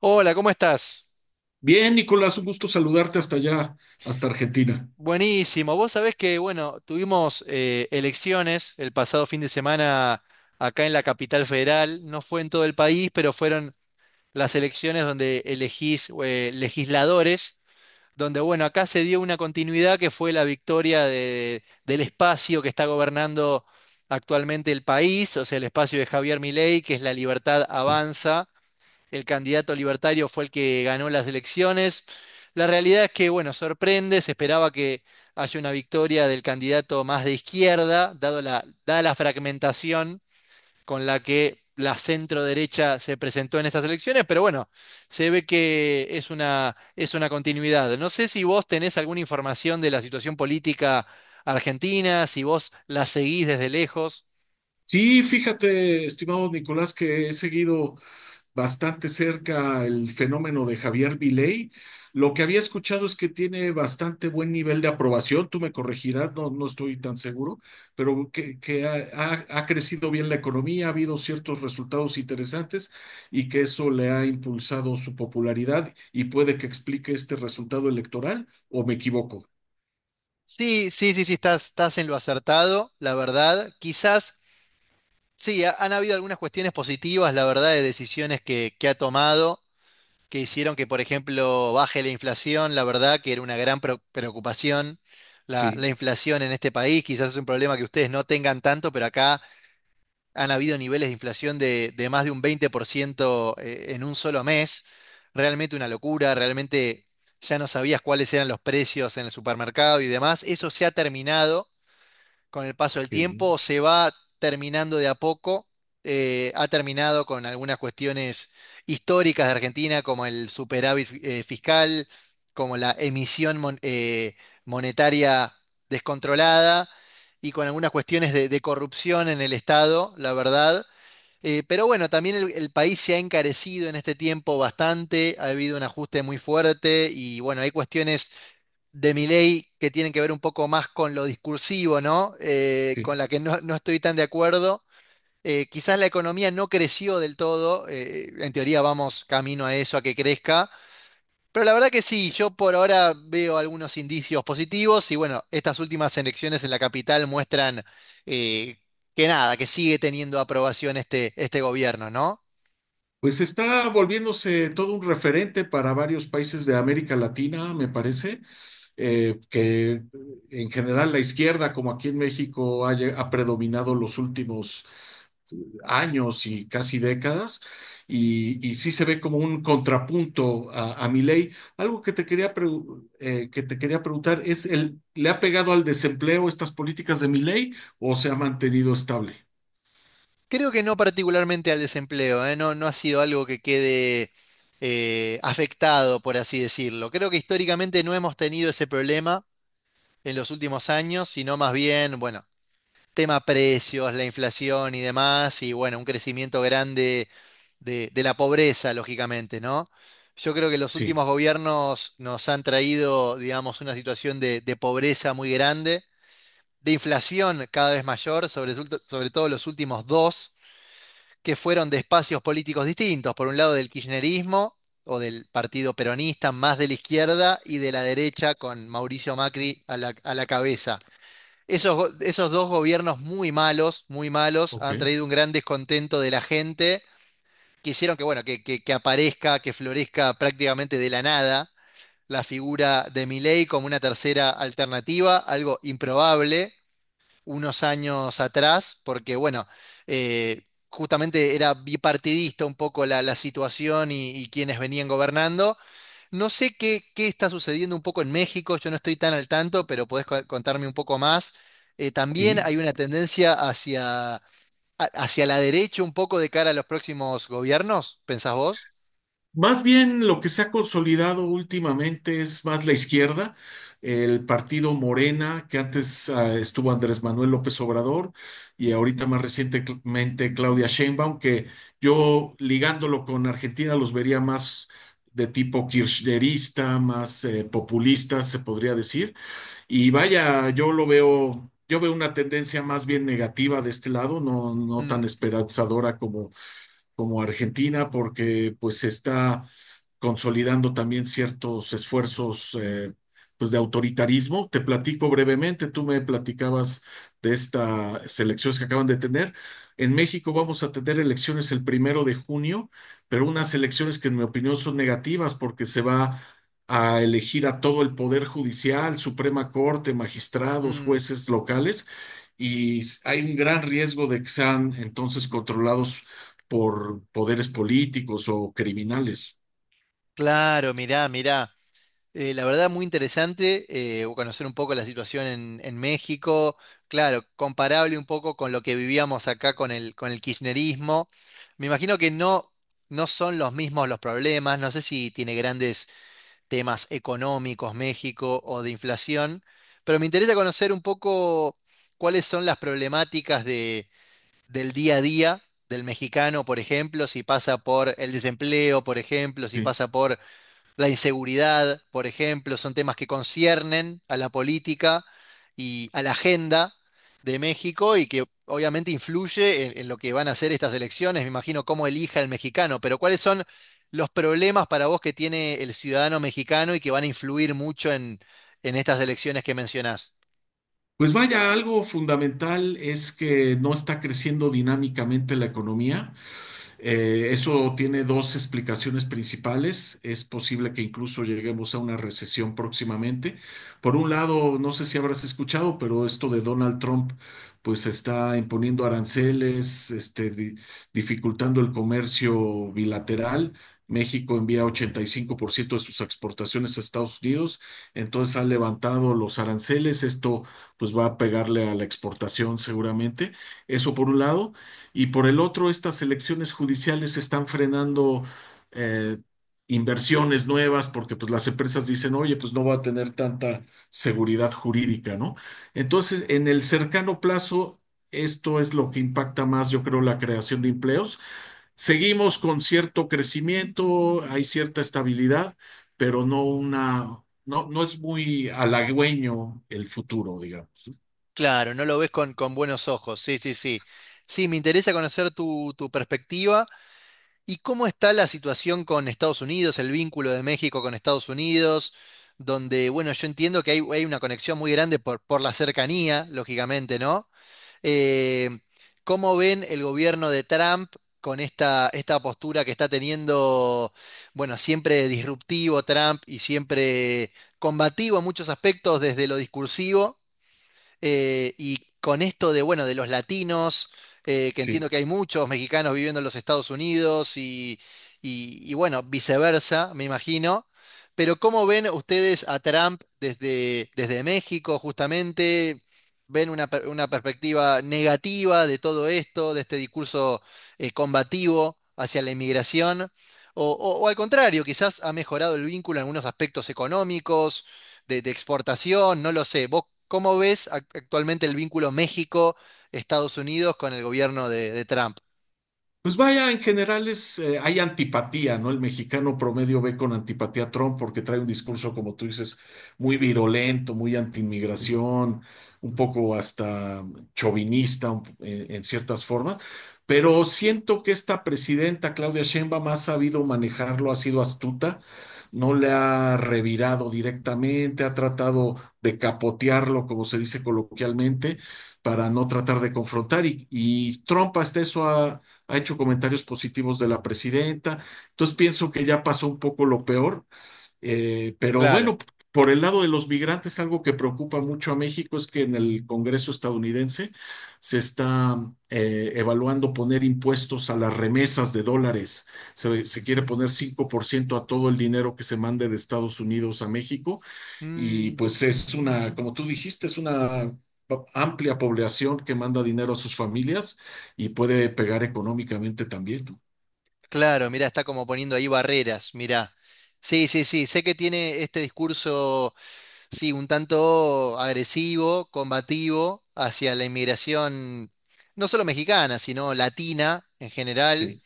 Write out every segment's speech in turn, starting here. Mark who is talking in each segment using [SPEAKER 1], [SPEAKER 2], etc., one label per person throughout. [SPEAKER 1] Hola, ¿cómo estás?
[SPEAKER 2] Bien, Nicolás, un gusto saludarte hasta allá, hasta Argentina.
[SPEAKER 1] Buenísimo. Vos sabés que, bueno, tuvimos elecciones el pasado fin de semana acá en la capital federal. No fue en todo el país, pero fueron las elecciones donde elegís legisladores, donde, bueno, acá se dio una continuidad que fue la victoria del espacio que está gobernando actualmente el país, o sea, el espacio de Javier Milei, que es La Libertad Avanza. El candidato libertario fue el que ganó las elecciones. La realidad es que, bueno, sorprende, se esperaba que haya una victoria del candidato más de izquierda, dada la fragmentación con la que la centro derecha se presentó en estas elecciones, pero bueno, se ve que es una continuidad. No sé si vos tenés alguna información de la situación política argentina, si vos la seguís desde lejos.
[SPEAKER 2] Sí, fíjate, estimado Nicolás, que he seguido bastante cerca el fenómeno de Javier Milei. Lo que había escuchado es que tiene bastante buen nivel de aprobación, tú me corregirás, no, no estoy tan seguro, pero que ha crecido bien la economía, ha habido ciertos resultados interesantes y que eso le ha impulsado su popularidad y puede que explique este resultado electoral, ¿o me equivoco?
[SPEAKER 1] Sí, sí, sí, sí, estás en lo acertado, la verdad. Quizás sí, han habido algunas cuestiones positivas, la verdad, de decisiones que ha tomado, que hicieron que, por ejemplo, baje la inflación, la verdad, que era una gran preocupación
[SPEAKER 2] Sí,
[SPEAKER 1] la inflación en este país. Quizás es un problema que ustedes no tengan tanto, pero acá han habido niveles de inflación de más de un 20% en un solo mes. Realmente una locura, realmente ya no sabías cuáles eran los precios en el supermercado y demás. Eso se ha terminado con el paso del
[SPEAKER 2] qué bien.
[SPEAKER 1] tiempo, se va terminando de a poco. Ha terminado con algunas cuestiones históricas de Argentina, como el superávit fiscal, como la emisión monetaria descontrolada y con algunas cuestiones de corrupción en el Estado, la verdad. Pero bueno, también el país se ha encarecido en este tiempo bastante, ha habido un ajuste muy fuerte y bueno, hay cuestiones de Milei que tienen que ver un poco más con lo discursivo, ¿no?
[SPEAKER 2] Sí.
[SPEAKER 1] Con la que no, no estoy tan de acuerdo. Quizás la economía no creció del todo, en teoría vamos camino a eso, a que crezca, pero la verdad que sí, yo por ahora veo algunos indicios positivos y bueno, estas últimas elecciones en la capital muestran eh, que nada, que sigue teniendo aprobación este gobierno, ¿no?
[SPEAKER 2] Pues está volviéndose todo un referente para varios países de América Latina, me parece, que en general la izquierda, como aquí en México, ha predominado los últimos años y casi décadas, y sí se ve como un contrapunto a Milei. Algo que que te quería preguntar es el, ¿le ha pegado al desempleo estas políticas de Milei o se ha mantenido estable?
[SPEAKER 1] Creo que no particularmente al desempleo, ¿eh? No, no ha sido algo que quede afectado, por así decirlo. Creo que históricamente no hemos tenido ese problema en los últimos años, sino más bien, bueno, tema precios, la inflación y demás, y bueno, un crecimiento grande de la pobreza, lógicamente, ¿no? Yo creo que los
[SPEAKER 2] Sí,
[SPEAKER 1] últimos gobiernos nos han traído, digamos, una situación de pobreza muy grande, de inflación cada vez mayor, sobre todo los últimos dos que fueron de espacios políticos distintos, por un lado del kirchnerismo o del partido peronista, más de la izquierda, y de la derecha con Mauricio Macri a la cabeza. Esos dos gobiernos muy malos,
[SPEAKER 2] ok,
[SPEAKER 1] han traído un gran descontento de la gente, que hicieron que, bueno, que aparezca, que florezca prácticamente de la nada la figura de Milei como una tercera alternativa, algo improbable, unos años atrás, porque bueno, justamente era bipartidista un poco la situación y quienes venían gobernando. No sé qué está sucediendo un poco en México, yo no estoy tan al tanto, pero podés contarme un poco más. También
[SPEAKER 2] sí.
[SPEAKER 1] hay una tendencia hacia la derecha un poco de cara a los próximos gobiernos, ¿pensás vos?
[SPEAKER 2] Más bien lo que se ha consolidado últimamente es más la izquierda, el partido Morena, que antes estuvo Andrés Manuel López Obrador y ahorita más recientemente Claudia Sheinbaum, que yo ligándolo con Argentina los vería más de tipo kirchnerista, más populista, se podría decir. Y vaya, yo lo veo, yo veo una tendencia más bien negativa de este lado, no, no tan
[SPEAKER 1] Mm,
[SPEAKER 2] esperanzadora como como Argentina, porque pues se está consolidando también ciertos esfuerzos pues de autoritarismo. Te platico brevemente, tú me platicabas de estas elecciones que acaban de tener. En México vamos a tener elecciones el primero de junio, pero unas elecciones que en mi opinión son negativas porque se va a elegir a todo el Poder Judicial, Suprema Corte, magistrados,
[SPEAKER 1] mm,
[SPEAKER 2] jueces locales, y hay un gran riesgo de que sean entonces controlados por poderes políticos o criminales.
[SPEAKER 1] claro, mirá, mirá. La verdad, muy interesante conocer un poco la situación en México, claro, comparable un poco con lo que vivíamos acá con con el kirchnerismo. Me imagino que no, no son los mismos los problemas, no sé si tiene grandes temas económicos México o de inflación, pero me interesa conocer un poco cuáles son las problemáticas del día a día del mexicano, por ejemplo, si pasa por el desempleo, por ejemplo, si
[SPEAKER 2] Sí.
[SPEAKER 1] pasa por la inseguridad, por ejemplo, son temas que conciernen a la política y a la agenda de México y que obviamente influye en lo que van a ser estas elecciones. Me imagino cómo elija el mexicano, pero ¿cuáles son los problemas para vos que tiene el ciudadano mexicano y que van a influir mucho en estas elecciones que mencionás?
[SPEAKER 2] Pues vaya, algo fundamental es que no está creciendo dinámicamente la economía. Eso tiene dos explicaciones principales. Es posible que incluso lleguemos a una recesión próximamente. Por un lado, no sé si habrás escuchado, pero esto de Donald Trump, pues está imponiendo aranceles, dificultando el comercio bilateral. México envía 85% de sus exportaciones a Estados Unidos, entonces han levantado los aranceles, esto pues va a pegarle a la exportación seguramente, eso por un lado, y por el otro, estas elecciones judiciales están frenando eh, inversiones nuevas porque pues, las empresas dicen, oye, pues no va a tener tanta seguridad jurídica, ¿no? Entonces, en el cercano plazo, esto es lo que impacta más, yo creo, la creación de empleos. Seguimos con cierto crecimiento, hay cierta estabilidad, pero no una, no, no es muy halagüeño el futuro, digamos.
[SPEAKER 1] Claro, no lo ves con buenos ojos. Sí, sí, sí. Sí, me interesa conocer tu perspectiva. ¿Y cómo está la situación con Estados Unidos, el vínculo de México con Estados Unidos? Donde, bueno, yo entiendo que hay una conexión muy grande por la cercanía, lógicamente, ¿no? Eh, ¿Cómo ven el gobierno de Trump con esta postura que está teniendo, bueno, siempre disruptivo Trump y siempre combativo en muchos aspectos desde lo discursivo? Y con esto de, bueno, de los latinos, que entiendo
[SPEAKER 2] ¿Sí?
[SPEAKER 1] que hay muchos mexicanos viviendo en los Estados Unidos y, y, bueno, viceversa, me imagino. Pero ¿cómo ven ustedes a Trump desde México justamente? Una perspectiva negativa de todo esto, de este discurso combativo hacia la inmigración? O al contrario, quizás ha mejorado el vínculo en algunos aspectos económicos de exportación, no lo sé. ¿Vos cómo ves actualmente el vínculo México-Estados Unidos con el gobierno de Trump?
[SPEAKER 2] Pues vaya, en general es, hay antipatía, ¿no? El mexicano promedio ve con antipatía a Trump porque trae un discurso, como tú dices, muy virulento, muy antiinmigración, un poco hasta en ciertas formas. Pero siento que esta presidenta, Claudia Sheinbaum, ha sabido manejarlo, ha sido astuta, no le ha revirado directamente, ha tratado de capotearlo, como se dice coloquialmente, para no tratar de confrontar. Y Trump hasta eso ha hecho comentarios positivos de la presidenta. Entonces pienso que ya pasó un poco lo peor, pero
[SPEAKER 1] Claro.
[SPEAKER 2] bueno, por el lado de los migrantes, algo que preocupa mucho a México es que en el Congreso estadounidense se está evaluando poner impuestos a las remesas de dólares. Se quiere poner 5% a todo el dinero que se mande de Estados Unidos a México y
[SPEAKER 1] Mm,
[SPEAKER 2] pues es una, como tú dijiste, es una amplia población que manda dinero a sus familias y puede pegar económicamente también, ¿no?
[SPEAKER 1] claro, mira, está como poniendo ahí barreras, mira. Sí, sí, sí, sé que tiene este discurso, sí, un tanto agresivo, combativo hacia la inmigración, no solo mexicana, sino latina en general.
[SPEAKER 2] Sí,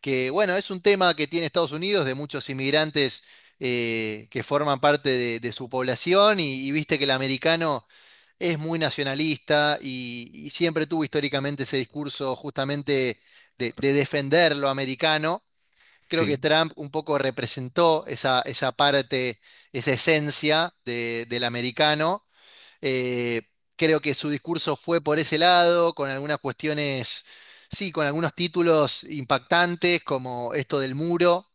[SPEAKER 1] Que bueno, es un tema que tiene Estados Unidos de muchos inmigrantes que forman parte de su población y viste que el americano es muy nacionalista y siempre tuvo históricamente ese discurso justamente de defender lo americano. Creo que
[SPEAKER 2] sí,
[SPEAKER 1] Trump un poco representó esa parte, esa esencia del americano eh, creo que su discurso fue por ese lado, con algunas cuestiones, sí, con algunos títulos impactantes, como esto del muro,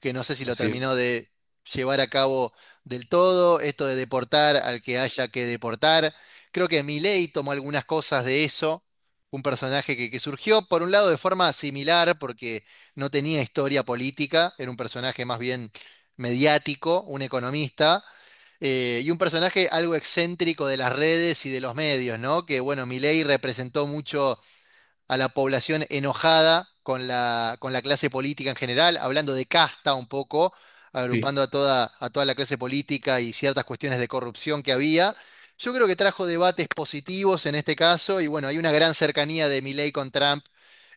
[SPEAKER 1] que no sé si lo
[SPEAKER 2] así
[SPEAKER 1] terminó
[SPEAKER 2] es.
[SPEAKER 1] de llevar a cabo del todo, esto de deportar al que haya que deportar. Creo que Milei tomó algunas cosas de eso, un personaje que surgió, por un lado, de forma similar, porque no tenía historia política, era un personaje más bien mediático, un economista y un personaje algo excéntrico de las redes y de los medios, ¿no? Que bueno, Milei representó mucho a la población enojada con con la clase política en general, hablando de casta un poco,
[SPEAKER 2] Sí.
[SPEAKER 1] agrupando a toda la clase política y ciertas cuestiones de corrupción que había. Yo creo que trajo debates positivos en este caso, y bueno, hay una gran cercanía de Milei con Trump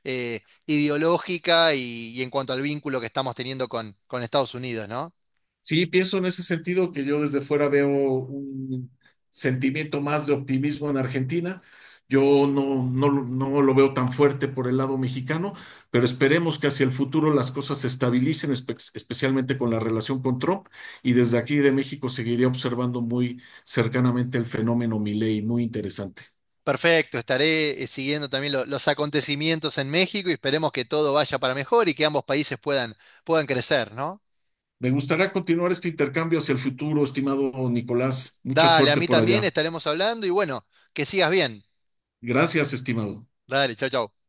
[SPEAKER 1] ideológica y en cuanto al vínculo que estamos teniendo con Estados Unidos, ¿no?
[SPEAKER 2] Sí, pienso en ese sentido que yo desde fuera veo un sentimiento más de optimismo en Argentina. Yo no, no, no lo veo tan fuerte por el lado mexicano, pero esperemos que hacia el futuro las cosas se estabilicen, especialmente con la relación con Trump. Y desde aquí de México seguiré observando muy cercanamente el fenómeno Milei, muy interesante.
[SPEAKER 1] Perfecto, estaré siguiendo también los acontecimientos en México y esperemos que todo vaya para mejor y que ambos países puedan, puedan crecer, ¿no?
[SPEAKER 2] Me gustaría continuar este intercambio hacia el futuro, estimado Nicolás. Mucha
[SPEAKER 1] Dale, a
[SPEAKER 2] suerte
[SPEAKER 1] mí
[SPEAKER 2] por
[SPEAKER 1] también
[SPEAKER 2] allá.
[SPEAKER 1] estaremos hablando y bueno, que sigas bien.
[SPEAKER 2] Gracias, estimado.
[SPEAKER 1] Dale, chau, chau.